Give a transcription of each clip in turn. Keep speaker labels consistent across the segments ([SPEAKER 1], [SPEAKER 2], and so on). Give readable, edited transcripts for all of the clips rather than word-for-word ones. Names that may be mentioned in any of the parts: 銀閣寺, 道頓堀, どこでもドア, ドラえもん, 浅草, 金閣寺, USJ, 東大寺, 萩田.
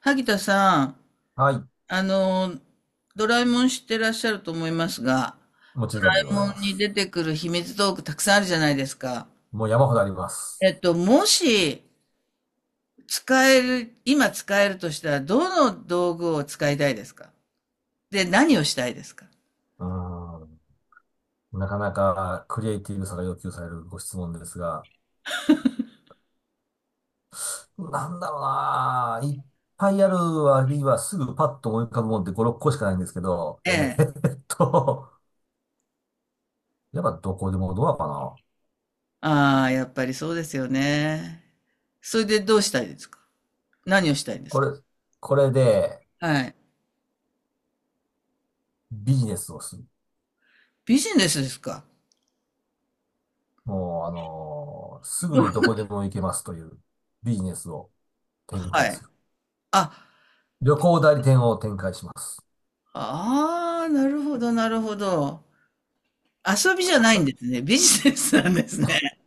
[SPEAKER 1] 萩田さん、
[SPEAKER 2] はい。
[SPEAKER 1] あの、ドラえもん知ってらっしゃると思いますが、
[SPEAKER 2] もちろんでご
[SPEAKER 1] ド
[SPEAKER 2] ざ
[SPEAKER 1] ラ
[SPEAKER 2] い
[SPEAKER 1] えもん
[SPEAKER 2] ま
[SPEAKER 1] に
[SPEAKER 2] す。
[SPEAKER 1] 出てくる秘密道具たくさんあるじゃないですか。
[SPEAKER 2] もう山ほどあります。
[SPEAKER 1] もし使える、今使えるとしたら、どの道具を使いたいですか？で、何をしたいですか？
[SPEAKER 2] うーん。なかなかクリエイティブさが要求されるご質問ですが、なんだろうなぁ。いっぱいある割にはすぐパッと思い浮かぶもんって5、6個しかないんですけど、
[SPEAKER 1] ええ。
[SPEAKER 2] っと、やっぱどこでもドアかな。
[SPEAKER 1] ああ、やっぱりそうですよね。それでどうしたいですか？何をしたいんです
[SPEAKER 2] こ
[SPEAKER 1] か？
[SPEAKER 2] れ、これで
[SPEAKER 1] はい。
[SPEAKER 2] ビジネスをする。
[SPEAKER 1] ビジネスですか？
[SPEAKER 2] もう、すぐ
[SPEAKER 1] どう
[SPEAKER 2] にどこでも行けますというビジネスを展
[SPEAKER 1] は
[SPEAKER 2] 開
[SPEAKER 1] い。
[SPEAKER 2] する。
[SPEAKER 1] あ、
[SPEAKER 2] 旅行代理店を展開します。
[SPEAKER 1] ああ、なるほど、なるほど。遊びじゃないんですね。ビジネスなんですね。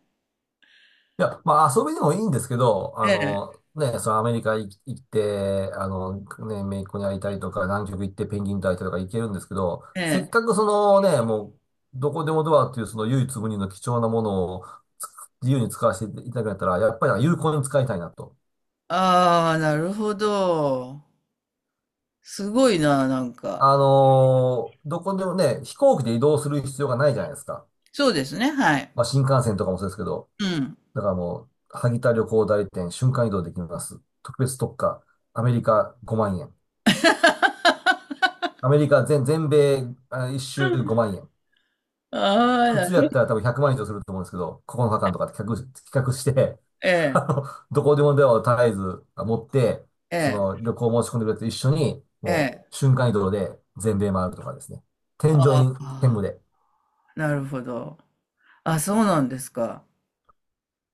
[SPEAKER 2] いや、まあ遊びでもいいんですけど、
[SPEAKER 1] え
[SPEAKER 2] ね、そのアメリカ行って、ね、姪っ子に会いたいとか、南極行ってペンギンと会いたいとか行けるんですけど、
[SPEAKER 1] え、え
[SPEAKER 2] せっ
[SPEAKER 1] え。
[SPEAKER 2] かくそのね、もう、どこでもドアっていうその唯一無二の貴重なものをつ自由に使わせていただくんだったら、やっぱり有効に使いたいなと。
[SPEAKER 1] ああ、なるほど。すごいな、なんか。
[SPEAKER 2] どこでもね、飛行機で移動する必要がないじゃないですか。
[SPEAKER 1] そうですね、はい。
[SPEAKER 2] まあ新幹線とかもそうですけど、
[SPEAKER 1] うん。
[SPEAKER 2] だからもう、萩田旅行代理店瞬間移動できます。特別特価、アメリカ5万円。アメリカ全、全米、あ、一周5万円。
[SPEAKER 1] ああ、
[SPEAKER 2] 普
[SPEAKER 1] な
[SPEAKER 2] 通や
[SPEAKER 1] る、
[SPEAKER 2] ったら多分100万円以上すると思うんですけど、9日間とかって企画して、
[SPEAKER 1] え
[SPEAKER 2] あ
[SPEAKER 1] え、
[SPEAKER 2] の、どこでもドアを絶えず持って、そ
[SPEAKER 1] え
[SPEAKER 2] の旅行申し込んでくれて一緒に、
[SPEAKER 1] え、
[SPEAKER 2] も
[SPEAKER 1] ええ。
[SPEAKER 2] う瞬間移動で全米回るとかですね。添乗
[SPEAKER 1] あ
[SPEAKER 2] 員兼
[SPEAKER 1] あ、
[SPEAKER 2] 務で。
[SPEAKER 1] なるほど。あ、そうなんですか？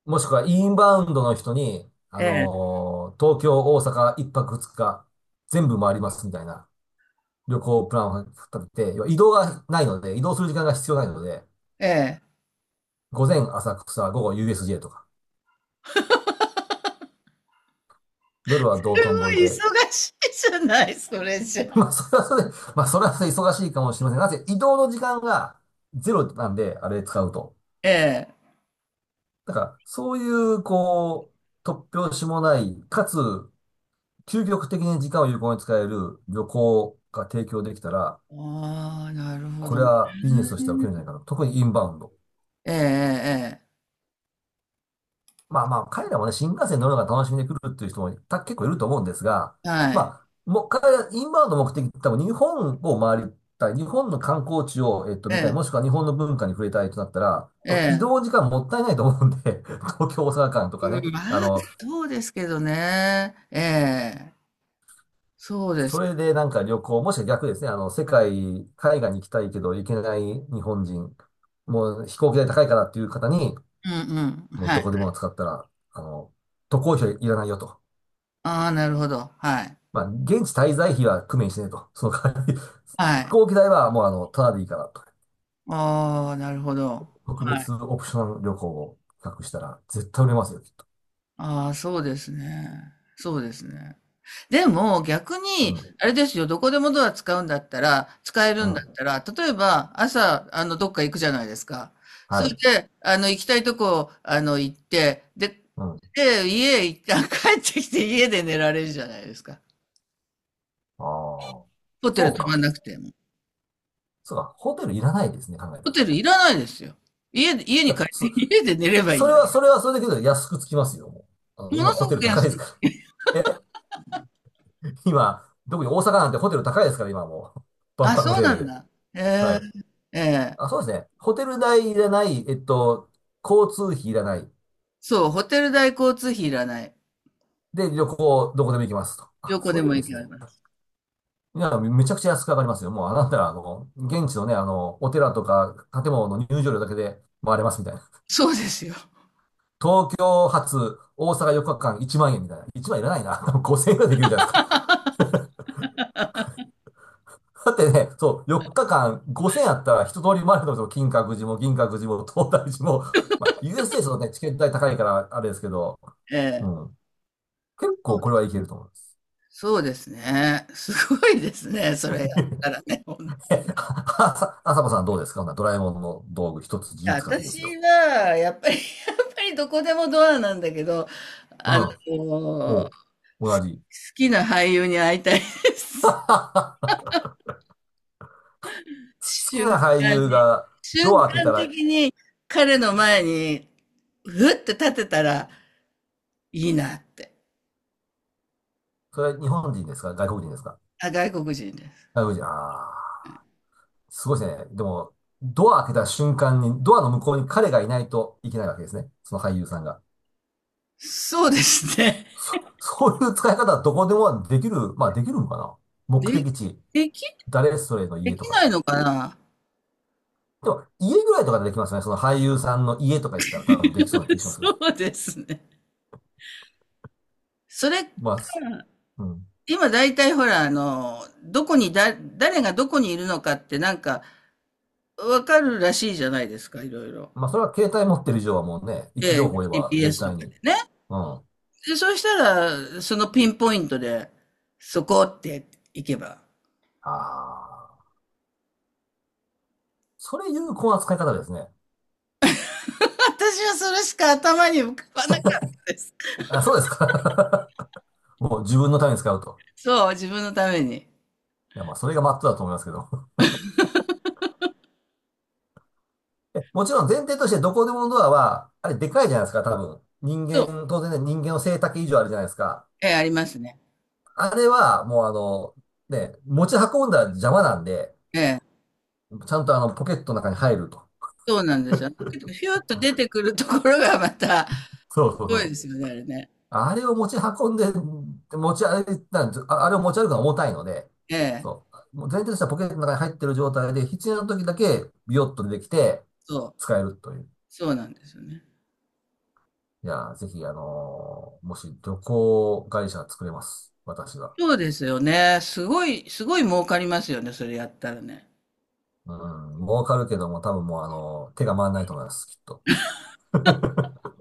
[SPEAKER 2] もしくはインバウンドの人に、
[SPEAKER 1] え
[SPEAKER 2] 東京、大阪、一泊二日、全部回りますみたいな旅行プランを立てて、要は移動がないので、移動する時間が必要ないので、
[SPEAKER 1] え、ええ。
[SPEAKER 2] 午前浅草、午後 USJ とか、夜は
[SPEAKER 1] す
[SPEAKER 2] 道頓堀
[SPEAKER 1] ごい
[SPEAKER 2] で。
[SPEAKER 1] 忙しいじゃない、それじ ゃ。
[SPEAKER 2] まあ、それはそれで、まあ、それはそれで忙しいかもしれませんなぜ移動の時間がゼロなんで、あれ使うと。
[SPEAKER 1] ええ。
[SPEAKER 2] だから、そういう、こう、突拍子もない、かつ、究極的に時間を有効に使える旅行が提供できたら、
[SPEAKER 1] ああ、なるほ
[SPEAKER 2] こ
[SPEAKER 1] ど
[SPEAKER 2] れ
[SPEAKER 1] ね。
[SPEAKER 2] はビジネスとしては受けるんじゃないかな。特にインバウンド。
[SPEAKER 1] ええ、え
[SPEAKER 2] まあまあ、彼らもね、新幹線乗るのが楽しみで来るっていう人もた結構いると思うんですが、
[SPEAKER 1] え、ええ。はい。
[SPEAKER 2] まあ、もう彼ら、インバウンドの目的って多分日本を回りたい、日本の観光地を、
[SPEAKER 1] え
[SPEAKER 2] 見たい、
[SPEAKER 1] え、
[SPEAKER 2] もしくは日本の文化に触れたいとなったら、
[SPEAKER 1] え
[SPEAKER 2] 多分移
[SPEAKER 1] え。
[SPEAKER 2] 動時間もったいないと思うんで、東京、大阪間とか
[SPEAKER 1] う
[SPEAKER 2] ね、
[SPEAKER 1] ん、まあ、そうですけどね。ええ、そうで
[SPEAKER 2] そ
[SPEAKER 1] す。
[SPEAKER 2] れでなんか旅行、もしくは逆ですね、世界、海外に行きたいけど行けない日本人、もう飛行機代高いからっていう方に、
[SPEAKER 1] うん、うん。
[SPEAKER 2] もう
[SPEAKER 1] はい。
[SPEAKER 2] どこでも使ったら、あの、渡航費はいらないよと。
[SPEAKER 1] ああ、なるほど。はい。
[SPEAKER 2] まあ、現地滞在費は工面してねと。その代わり、
[SPEAKER 1] は
[SPEAKER 2] 飛
[SPEAKER 1] い。
[SPEAKER 2] 行機代はもうただでいいからと。
[SPEAKER 1] ああ、なるほど。
[SPEAKER 2] 特
[SPEAKER 1] はい。
[SPEAKER 2] 別オプション旅行を企画したら絶対売れますよ、きっと。
[SPEAKER 1] ああ、そうですね。そうですね。でも、逆
[SPEAKER 2] う
[SPEAKER 1] に、
[SPEAKER 2] ん。
[SPEAKER 1] あれですよ、どこでもドア使うんだったら、使え
[SPEAKER 2] う
[SPEAKER 1] るんだ
[SPEAKER 2] ん。
[SPEAKER 1] ったら、例えば、朝、どっか行くじゃないですか。
[SPEAKER 2] は
[SPEAKER 1] それ
[SPEAKER 2] い。
[SPEAKER 1] で、行きたいとこ、行って、で、
[SPEAKER 2] うん。
[SPEAKER 1] で、家へ一旦帰ってきて、家で寝られるじゃないですか。
[SPEAKER 2] ああ。
[SPEAKER 1] ホテル
[SPEAKER 2] そう
[SPEAKER 1] 泊まん
[SPEAKER 2] か。
[SPEAKER 1] なくても。
[SPEAKER 2] そうか。ホテルいらないですね、考えた
[SPEAKER 1] ホテ
[SPEAKER 2] ら。
[SPEAKER 1] ルいらないですよ。家で、家
[SPEAKER 2] じ
[SPEAKER 1] に
[SPEAKER 2] ゃ
[SPEAKER 1] 帰っ
[SPEAKER 2] あ、
[SPEAKER 1] て、
[SPEAKER 2] そ、
[SPEAKER 1] 家で寝ればいいんだ。
[SPEAKER 2] それはそれだけど安くつきますよ、もう。
[SPEAKER 1] も
[SPEAKER 2] 今
[SPEAKER 1] のす
[SPEAKER 2] ホ
[SPEAKER 1] ご
[SPEAKER 2] テル
[SPEAKER 1] く
[SPEAKER 2] 高い
[SPEAKER 1] 安
[SPEAKER 2] です
[SPEAKER 1] い。
[SPEAKER 2] から。今、特に大阪なんてホテル高いですから、今もう。万
[SPEAKER 1] あ、
[SPEAKER 2] 博の
[SPEAKER 1] そう
[SPEAKER 2] せい
[SPEAKER 1] なん
[SPEAKER 2] で。
[SPEAKER 1] だ。
[SPEAKER 2] は
[SPEAKER 1] え
[SPEAKER 2] い。
[SPEAKER 1] え、え
[SPEAKER 2] あ、
[SPEAKER 1] え、
[SPEAKER 2] そうですね。ホテル代いらない、交通費いらない。
[SPEAKER 1] そう、ホテル代交通費いらない。
[SPEAKER 2] で、旅行、どこでも行きますと。
[SPEAKER 1] ど
[SPEAKER 2] あ、
[SPEAKER 1] こ
[SPEAKER 2] そ
[SPEAKER 1] で
[SPEAKER 2] れい
[SPEAKER 1] も
[SPEAKER 2] いで
[SPEAKER 1] 行け
[SPEAKER 2] すね。
[SPEAKER 1] ます。
[SPEAKER 2] いや、めちゃくちゃ安く上がりますよ。もう、あなたら、現地のね、お寺とか建物の入場料だけで回れますみたいな。
[SPEAKER 1] そうですよ。
[SPEAKER 2] 東京発、大阪4日間1万円みたいな。1万円いらないな。5000円ぐらいできるんじゃないですか。だってね、そう、4日間5000円あったら一通り回れるのと、金閣寺も銀閣寺も東大寺も、まあ、USJ ちょね、チケット代高いからあれですけど、
[SPEAKER 1] え
[SPEAKER 2] う
[SPEAKER 1] え、
[SPEAKER 2] ん。結
[SPEAKER 1] そ
[SPEAKER 2] 構
[SPEAKER 1] う
[SPEAKER 2] こ
[SPEAKER 1] で
[SPEAKER 2] れはい
[SPEAKER 1] す、
[SPEAKER 2] けると思います。
[SPEAKER 1] そうですね。すごいですね。それやったらね。ほん
[SPEAKER 2] え、
[SPEAKER 1] と、
[SPEAKER 2] ああさ、あさこさんどうですか？ほなドラえもんの道具一つ自由に使っていいですよ。
[SPEAKER 1] 私は、やっぱり、やっぱりどこでもドアなんだけど、
[SPEAKER 2] う
[SPEAKER 1] あ
[SPEAKER 2] ん。お
[SPEAKER 1] の、
[SPEAKER 2] う、同じ。
[SPEAKER 1] 好きな俳優に会いたいで す。
[SPEAKER 2] 好き
[SPEAKER 1] 瞬
[SPEAKER 2] な俳
[SPEAKER 1] 間
[SPEAKER 2] 優
[SPEAKER 1] に、
[SPEAKER 2] が
[SPEAKER 1] 瞬
[SPEAKER 2] ドア開けた
[SPEAKER 1] 間
[SPEAKER 2] ら、
[SPEAKER 1] 的に彼の
[SPEAKER 2] うん、
[SPEAKER 1] 前に、ふって立てたらいいなって。
[SPEAKER 2] それは日本人ですか？外国人ですか？
[SPEAKER 1] あ、外国人で
[SPEAKER 2] 外国人。ああ、すごいですね。でも、ドア開けた瞬間に、ドアの向こうに彼がいないといけないわけですね。その俳優さんが。
[SPEAKER 1] す。そうですね。
[SPEAKER 2] そういう使い方はどこでもできる、まあできるのかな？目
[SPEAKER 1] で、
[SPEAKER 2] 的地、
[SPEAKER 1] でき、
[SPEAKER 2] 誰それの
[SPEAKER 1] で
[SPEAKER 2] 家と
[SPEAKER 1] き
[SPEAKER 2] かっ
[SPEAKER 1] ない
[SPEAKER 2] て。
[SPEAKER 1] のかな。
[SPEAKER 2] でも、家ぐらいとかでできますよね。その俳優さんの家とか行ったら多分できそうな気 がしますよね。
[SPEAKER 1] そうですね。それか、
[SPEAKER 2] まあ、うん。
[SPEAKER 1] 今大体ほら、どこにだ、誰がどこにいるのかってなんかわかるらしいじゃないですか、いろいろ。
[SPEAKER 2] まあ、それは携帯持ってる以上はもうね、位
[SPEAKER 1] え
[SPEAKER 2] 置情
[SPEAKER 1] え、
[SPEAKER 2] 報を言えば絶
[SPEAKER 1] GPS と
[SPEAKER 2] 対
[SPEAKER 1] か
[SPEAKER 2] に。
[SPEAKER 1] でね。
[SPEAKER 2] うん。あ
[SPEAKER 1] で、そうしたら、そのピンポイントで、そこって行けば。
[SPEAKER 2] あ。それ有効な使い方ですね。
[SPEAKER 1] 私はそれしか頭に浮かばなかったです。
[SPEAKER 2] あ、そうですか。もう自分のために使うと。
[SPEAKER 1] そう、自分のために。
[SPEAKER 2] いや、まあ、それがマットだと思いますけど。もちろん前提としてどこでものドアは、あれでかいじゃないですか、多分。人
[SPEAKER 1] そう。
[SPEAKER 2] 間、当然ね、人間の背丈以上あるじゃないですか。
[SPEAKER 1] ええ、ありますね。
[SPEAKER 2] あれは、もうね、持ち運んだら邪魔なんで、
[SPEAKER 1] ええ。
[SPEAKER 2] ちゃんとポケットの中に入ると。
[SPEAKER 1] そうなんですよ。けどひゅっと出てくるところがまた、
[SPEAKER 2] そうそう
[SPEAKER 1] す
[SPEAKER 2] そ
[SPEAKER 1] ごいで
[SPEAKER 2] う。
[SPEAKER 1] すよね、あれね。
[SPEAKER 2] あれを持ち運んで、持ち歩いたんですああれを持ち歩くのは重たいので、
[SPEAKER 1] ええ、
[SPEAKER 2] そう。もう前提としてはポケットの中に入ってる状態で、必要な時だけビヨッと出てきて、
[SPEAKER 1] そう。
[SPEAKER 2] 使えるという。
[SPEAKER 1] そうなんですよね。
[SPEAKER 2] いやー、ぜひ、もし旅行会社作れます。私は。
[SPEAKER 1] そうですよね。すごい、すごい儲かりますよね、それやったらね。
[SPEAKER 2] うん、儲かるけども、多分もう、手が回らないと思います、きっと。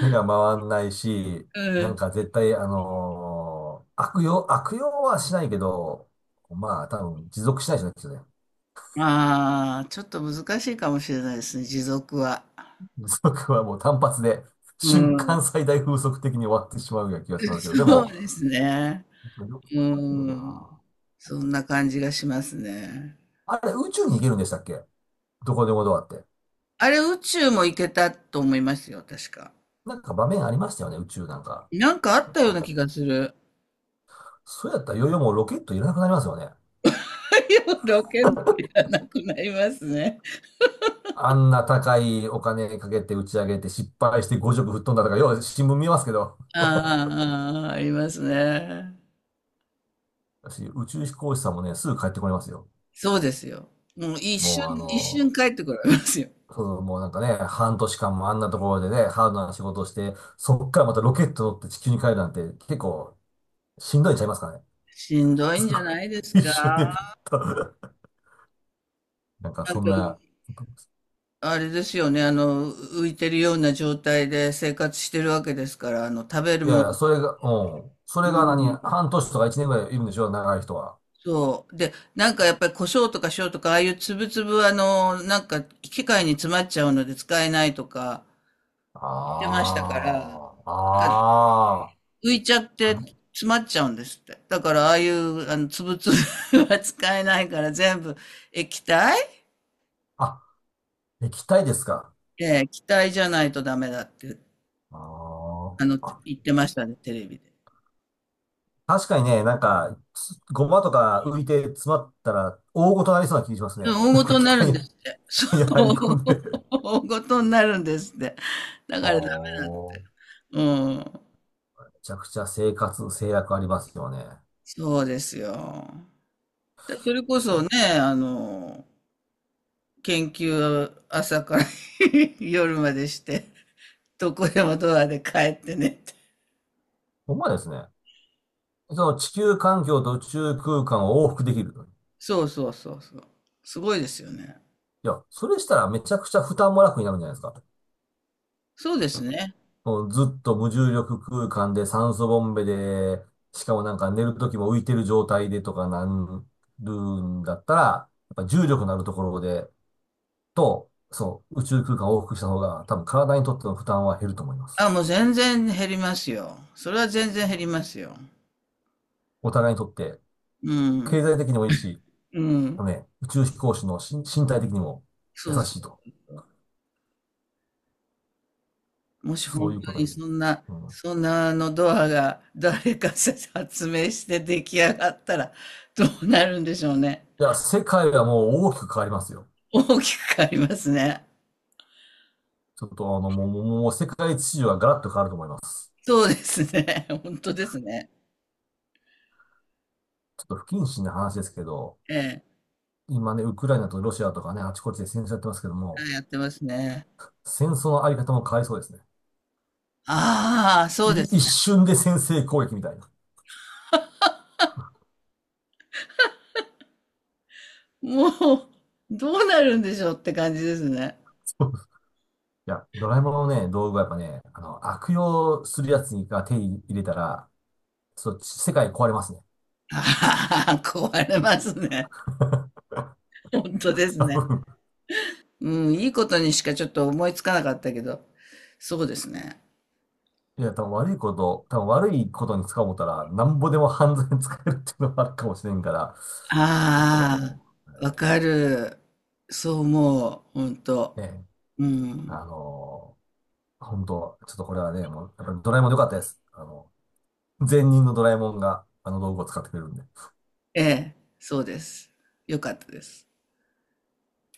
[SPEAKER 2] 手が回んないし、
[SPEAKER 1] う
[SPEAKER 2] なん
[SPEAKER 1] ん。
[SPEAKER 2] か絶対、悪用はしないけど、まあ、多分持続しないじゃないですよね。
[SPEAKER 1] ああ、ちょっと難しいかもしれないですね、持続は。
[SPEAKER 2] 風速はもう単発で、
[SPEAKER 1] う
[SPEAKER 2] 瞬
[SPEAKER 1] ん。
[SPEAKER 2] 間最大風速的に終わってしまうような気がしますけど、で
[SPEAKER 1] そう
[SPEAKER 2] も、
[SPEAKER 1] ですね。
[SPEAKER 2] 旅
[SPEAKER 1] う
[SPEAKER 2] 行
[SPEAKER 1] ー
[SPEAKER 2] できる
[SPEAKER 1] ん。
[SPEAKER 2] な。
[SPEAKER 1] そんな感じがしますね。
[SPEAKER 2] あれ、宇宙に行けるんでしたっけ？どこでもドアって。
[SPEAKER 1] あれ、宇宙も行けたと思いますよ、確か。
[SPEAKER 2] なんか場面ありましたよね、宇宙なんか。
[SPEAKER 1] なんかあ
[SPEAKER 2] あ
[SPEAKER 1] っ
[SPEAKER 2] っ
[SPEAKER 1] た
[SPEAKER 2] た
[SPEAKER 1] ような
[SPEAKER 2] かな？
[SPEAKER 1] 気がする。
[SPEAKER 2] そうやったらいよいよもうロケットいらなくなりますよね。
[SPEAKER 1] 太陽の権じゃなくなりますね。
[SPEAKER 2] あんな高いお金かけて打ち上げて失敗して5色吹っ飛んだとか、よは新聞見ますけど、
[SPEAKER 1] ああ、ああ、ありますね。
[SPEAKER 2] 私、宇宙飛行士さんもね、すぐ帰ってこれますよ。
[SPEAKER 1] そうですよ。もう一瞬、
[SPEAKER 2] もう
[SPEAKER 1] 一瞬帰ってこられますよ。
[SPEAKER 2] そう、もうなんかね、半年間もあんなところでね、ハードな仕事をして、そっからまたロケット乗って地球に帰るなんて結構しんどいんちゃいますかね。
[SPEAKER 1] しん どいん
[SPEAKER 2] そ
[SPEAKER 1] じ
[SPEAKER 2] こ、
[SPEAKER 1] ゃないで す
[SPEAKER 2] 一緒
[SPEAKER 1] か。
[SPEAKER 2] に。なんか
[SPEAKER 1] なん
[SPEAKER 2] そん
[SPEAKER 1] か、
[SPEAKER 2] な、
[SPEAKER 1] あれですよね。浮いてるような状態で生活してるわけですから、食べる
[SPEAKER 2] いや
[SPEAKER 1] も
[SPEAKER 2] い
[SPEAKER 1] の、
[SPEAKER 2] や、それが、うん。そ
[SPEAKER 1] う
[SPEAKER 2] れが何、
[SPEAKER 1] ん、
[SPEAKER 2] 半年とか一年ぐらいいるんでしょ、長い人は。
[SPEAKER 1] そう。で、なんかやっぱり胡椒とか塩とか、ああいう粒々はなんか機械に詰まっちゃうので使えないとか言ってま
[SPEAKER 2] あ
[SPEAKER 1] したから、
[SPEAKER 2] あ、ああ、
[SPEAKER 1] 浮いちゃって
[SPEAKER 2] はい。
[SPEAKER 1] 詰まっちゃうんですって。だからああいうあの粒々は 使えないから全部液体、
[SPEAKER 2] あ、液体ですか。
[SPEAKER 1] ええ、気体じゃないとダメだって、
[SPEAKER 2] あ
[SPEAKER 1] あ
[SPEAKER 2] あ。
[SPEAKER 1] の、言ってましたね、テレビで。
[SPEAKER 2] 確かにね、なんか、つごまとか浮いて詰まったら、大ごとなりそうな気がし
[SPEAKER 1] うん、
[SPEAKER 2] ますね。な
[SPEAKER 1] 大
[SPEAKER 2] んか
[SPEAKER 1] 事に
[SPEAKER 2] 機
[SPEAKER 1] なるん
[SPEAKER 2] 械
[SPEAKER 1] で
[SPEAKER 2] に
[SPEAKER 1] すって。そ
[SPEAKER 2] に入 り込んで。
[SPEAKER 1] う。大事になるんですって。だ
[SPEAKER 2] あ
[SPEAKER 1] からダメだ。
[SPEAKER 2] ー
[SPEAKER 1] うん。
[SPEAKER 2] めちゃくちゃ生活制約ありますよね。
[SPEAKER 1] そうですよ。だ、それこそ
[SPEAKER 2] だ
[SPEAKER 1] ね、あの、研究を朝から 夜までして、どこでもドアで帰ってねって。
[SPEAKER 2] ほんまですね。その地球環境と宇宙空間を往復できると。い
[SPEAKER 1] そうそうそうそう。すごいですよね。
[SPEAKER 2] や、それしたらめちゃくちゃ負担も楽になるんじゃないですか。
[SPEAKER 1] そうですね。
[SPEAKER 2] もうずっと無重力空間で酸素ボンベで、しかもなんか寝るときも浮いてる状態でとかなるんだったら、やっぱ重力のあるところで、そう、宇宙空間を往復した方が多分体にとっての負担は減ると思います。
[SPEAKER 1] あ、もう全然減りますよ。それは全然減りますよ。
[SPEAKER 2] お互いにとって、
[SPEAKER 1] う
[SPEAKER 2] 経
[SPEAKER 1] ん。
[SPEAKER 2] 済的にもいいし、
[SPEAKER 1] うん。
[SPEAKER 2] のね、宇宙飛行士の身体的にも優
[SPEAKER 1] そうそ
[SPEAKER 2] しいと。
[SPEAKER 1] う。もし
[SPEAKER 2] そ
[SPEAKER 1] 本
[SPEAKER 2] うい
[SPEAKER 1] 当
[SPEAKER 2] うこと
[SPEAKER 1] に
[SPEAKER 2] に。
[SPEAKER 1] そんな、
[SPEAKER 2] うん。
[SPEAKER 1] そんなあのドアが誰かさ発明して出来上がったらどうなるんでしょうね。
[SPEAKER 2] いや、世界はもう大きく変わりますよ。
[SPEAKER 1] 大きく変わりますね。
[SPEAKER 2] ちょっともう、もう、もう世界秩序はガラッと変わると思います。
[SPEAKER 1] そうですね。本当ですね。
[SPEAKER 2] ちょっと不謹慎な話ですけど、
[SPEAKER 1] ええ。
[SPEAKER 2] 今ね、ウクライナとロシアとかね、あちこちで戦争やってますけど
[SPEAKER 1] は
[SPEAKER 2] も、
[SPEAKER 1] い、やってますね。
[SPEAKER 2] 戦争のあり方も変わりそうですね。
[SPEAKER 1] ああ、そうです
[SPEAKER 2] 一
[SPEAKER 1] ね。
[SPEAKER 2] 瞬で先制攻撃みたいな。
[SPEAKER 1] もう、どうなるんでしょうって感じですね。
[SPEAKER 2] そういや、ドラえもんのね、道具はやっぱね、悪用するやつが手に入れたら、そう、世界壊れますね。
[SPEAKER 1] ああ、壊れますね。本当です
[SPEAKER 2] 多
[SPEAKER 1] ね。
[SPEAKER 2] 分
[SPEAKER 1] うん、いいことにしかちょっと思いつかなかったけど、そうですね。
[SPEAKER 2] いや、多分悪いことに使おう思ったら、なんぼでも犯罪に使えるっていうのもあるかもしれんから、ちょっとここは
[SPEAKER 1] あ
[SPEAKER 2] もう、は
[SPEAKER 1] あ、わ
[SPEAKER 2] い、
[SPEAKER 1] かる。そう思う、本当。
[SPEAKER 2] ね、
[SPEAKER 1] うん。
[SPEAKER 2] あの本当、ちょっとこれはね、もう、やっぱりドラえもん良かったです。前任のドラえもんが、あの道具を使ってくれるんで。
[SPEAKER 1] ええ、そうです。よかったです。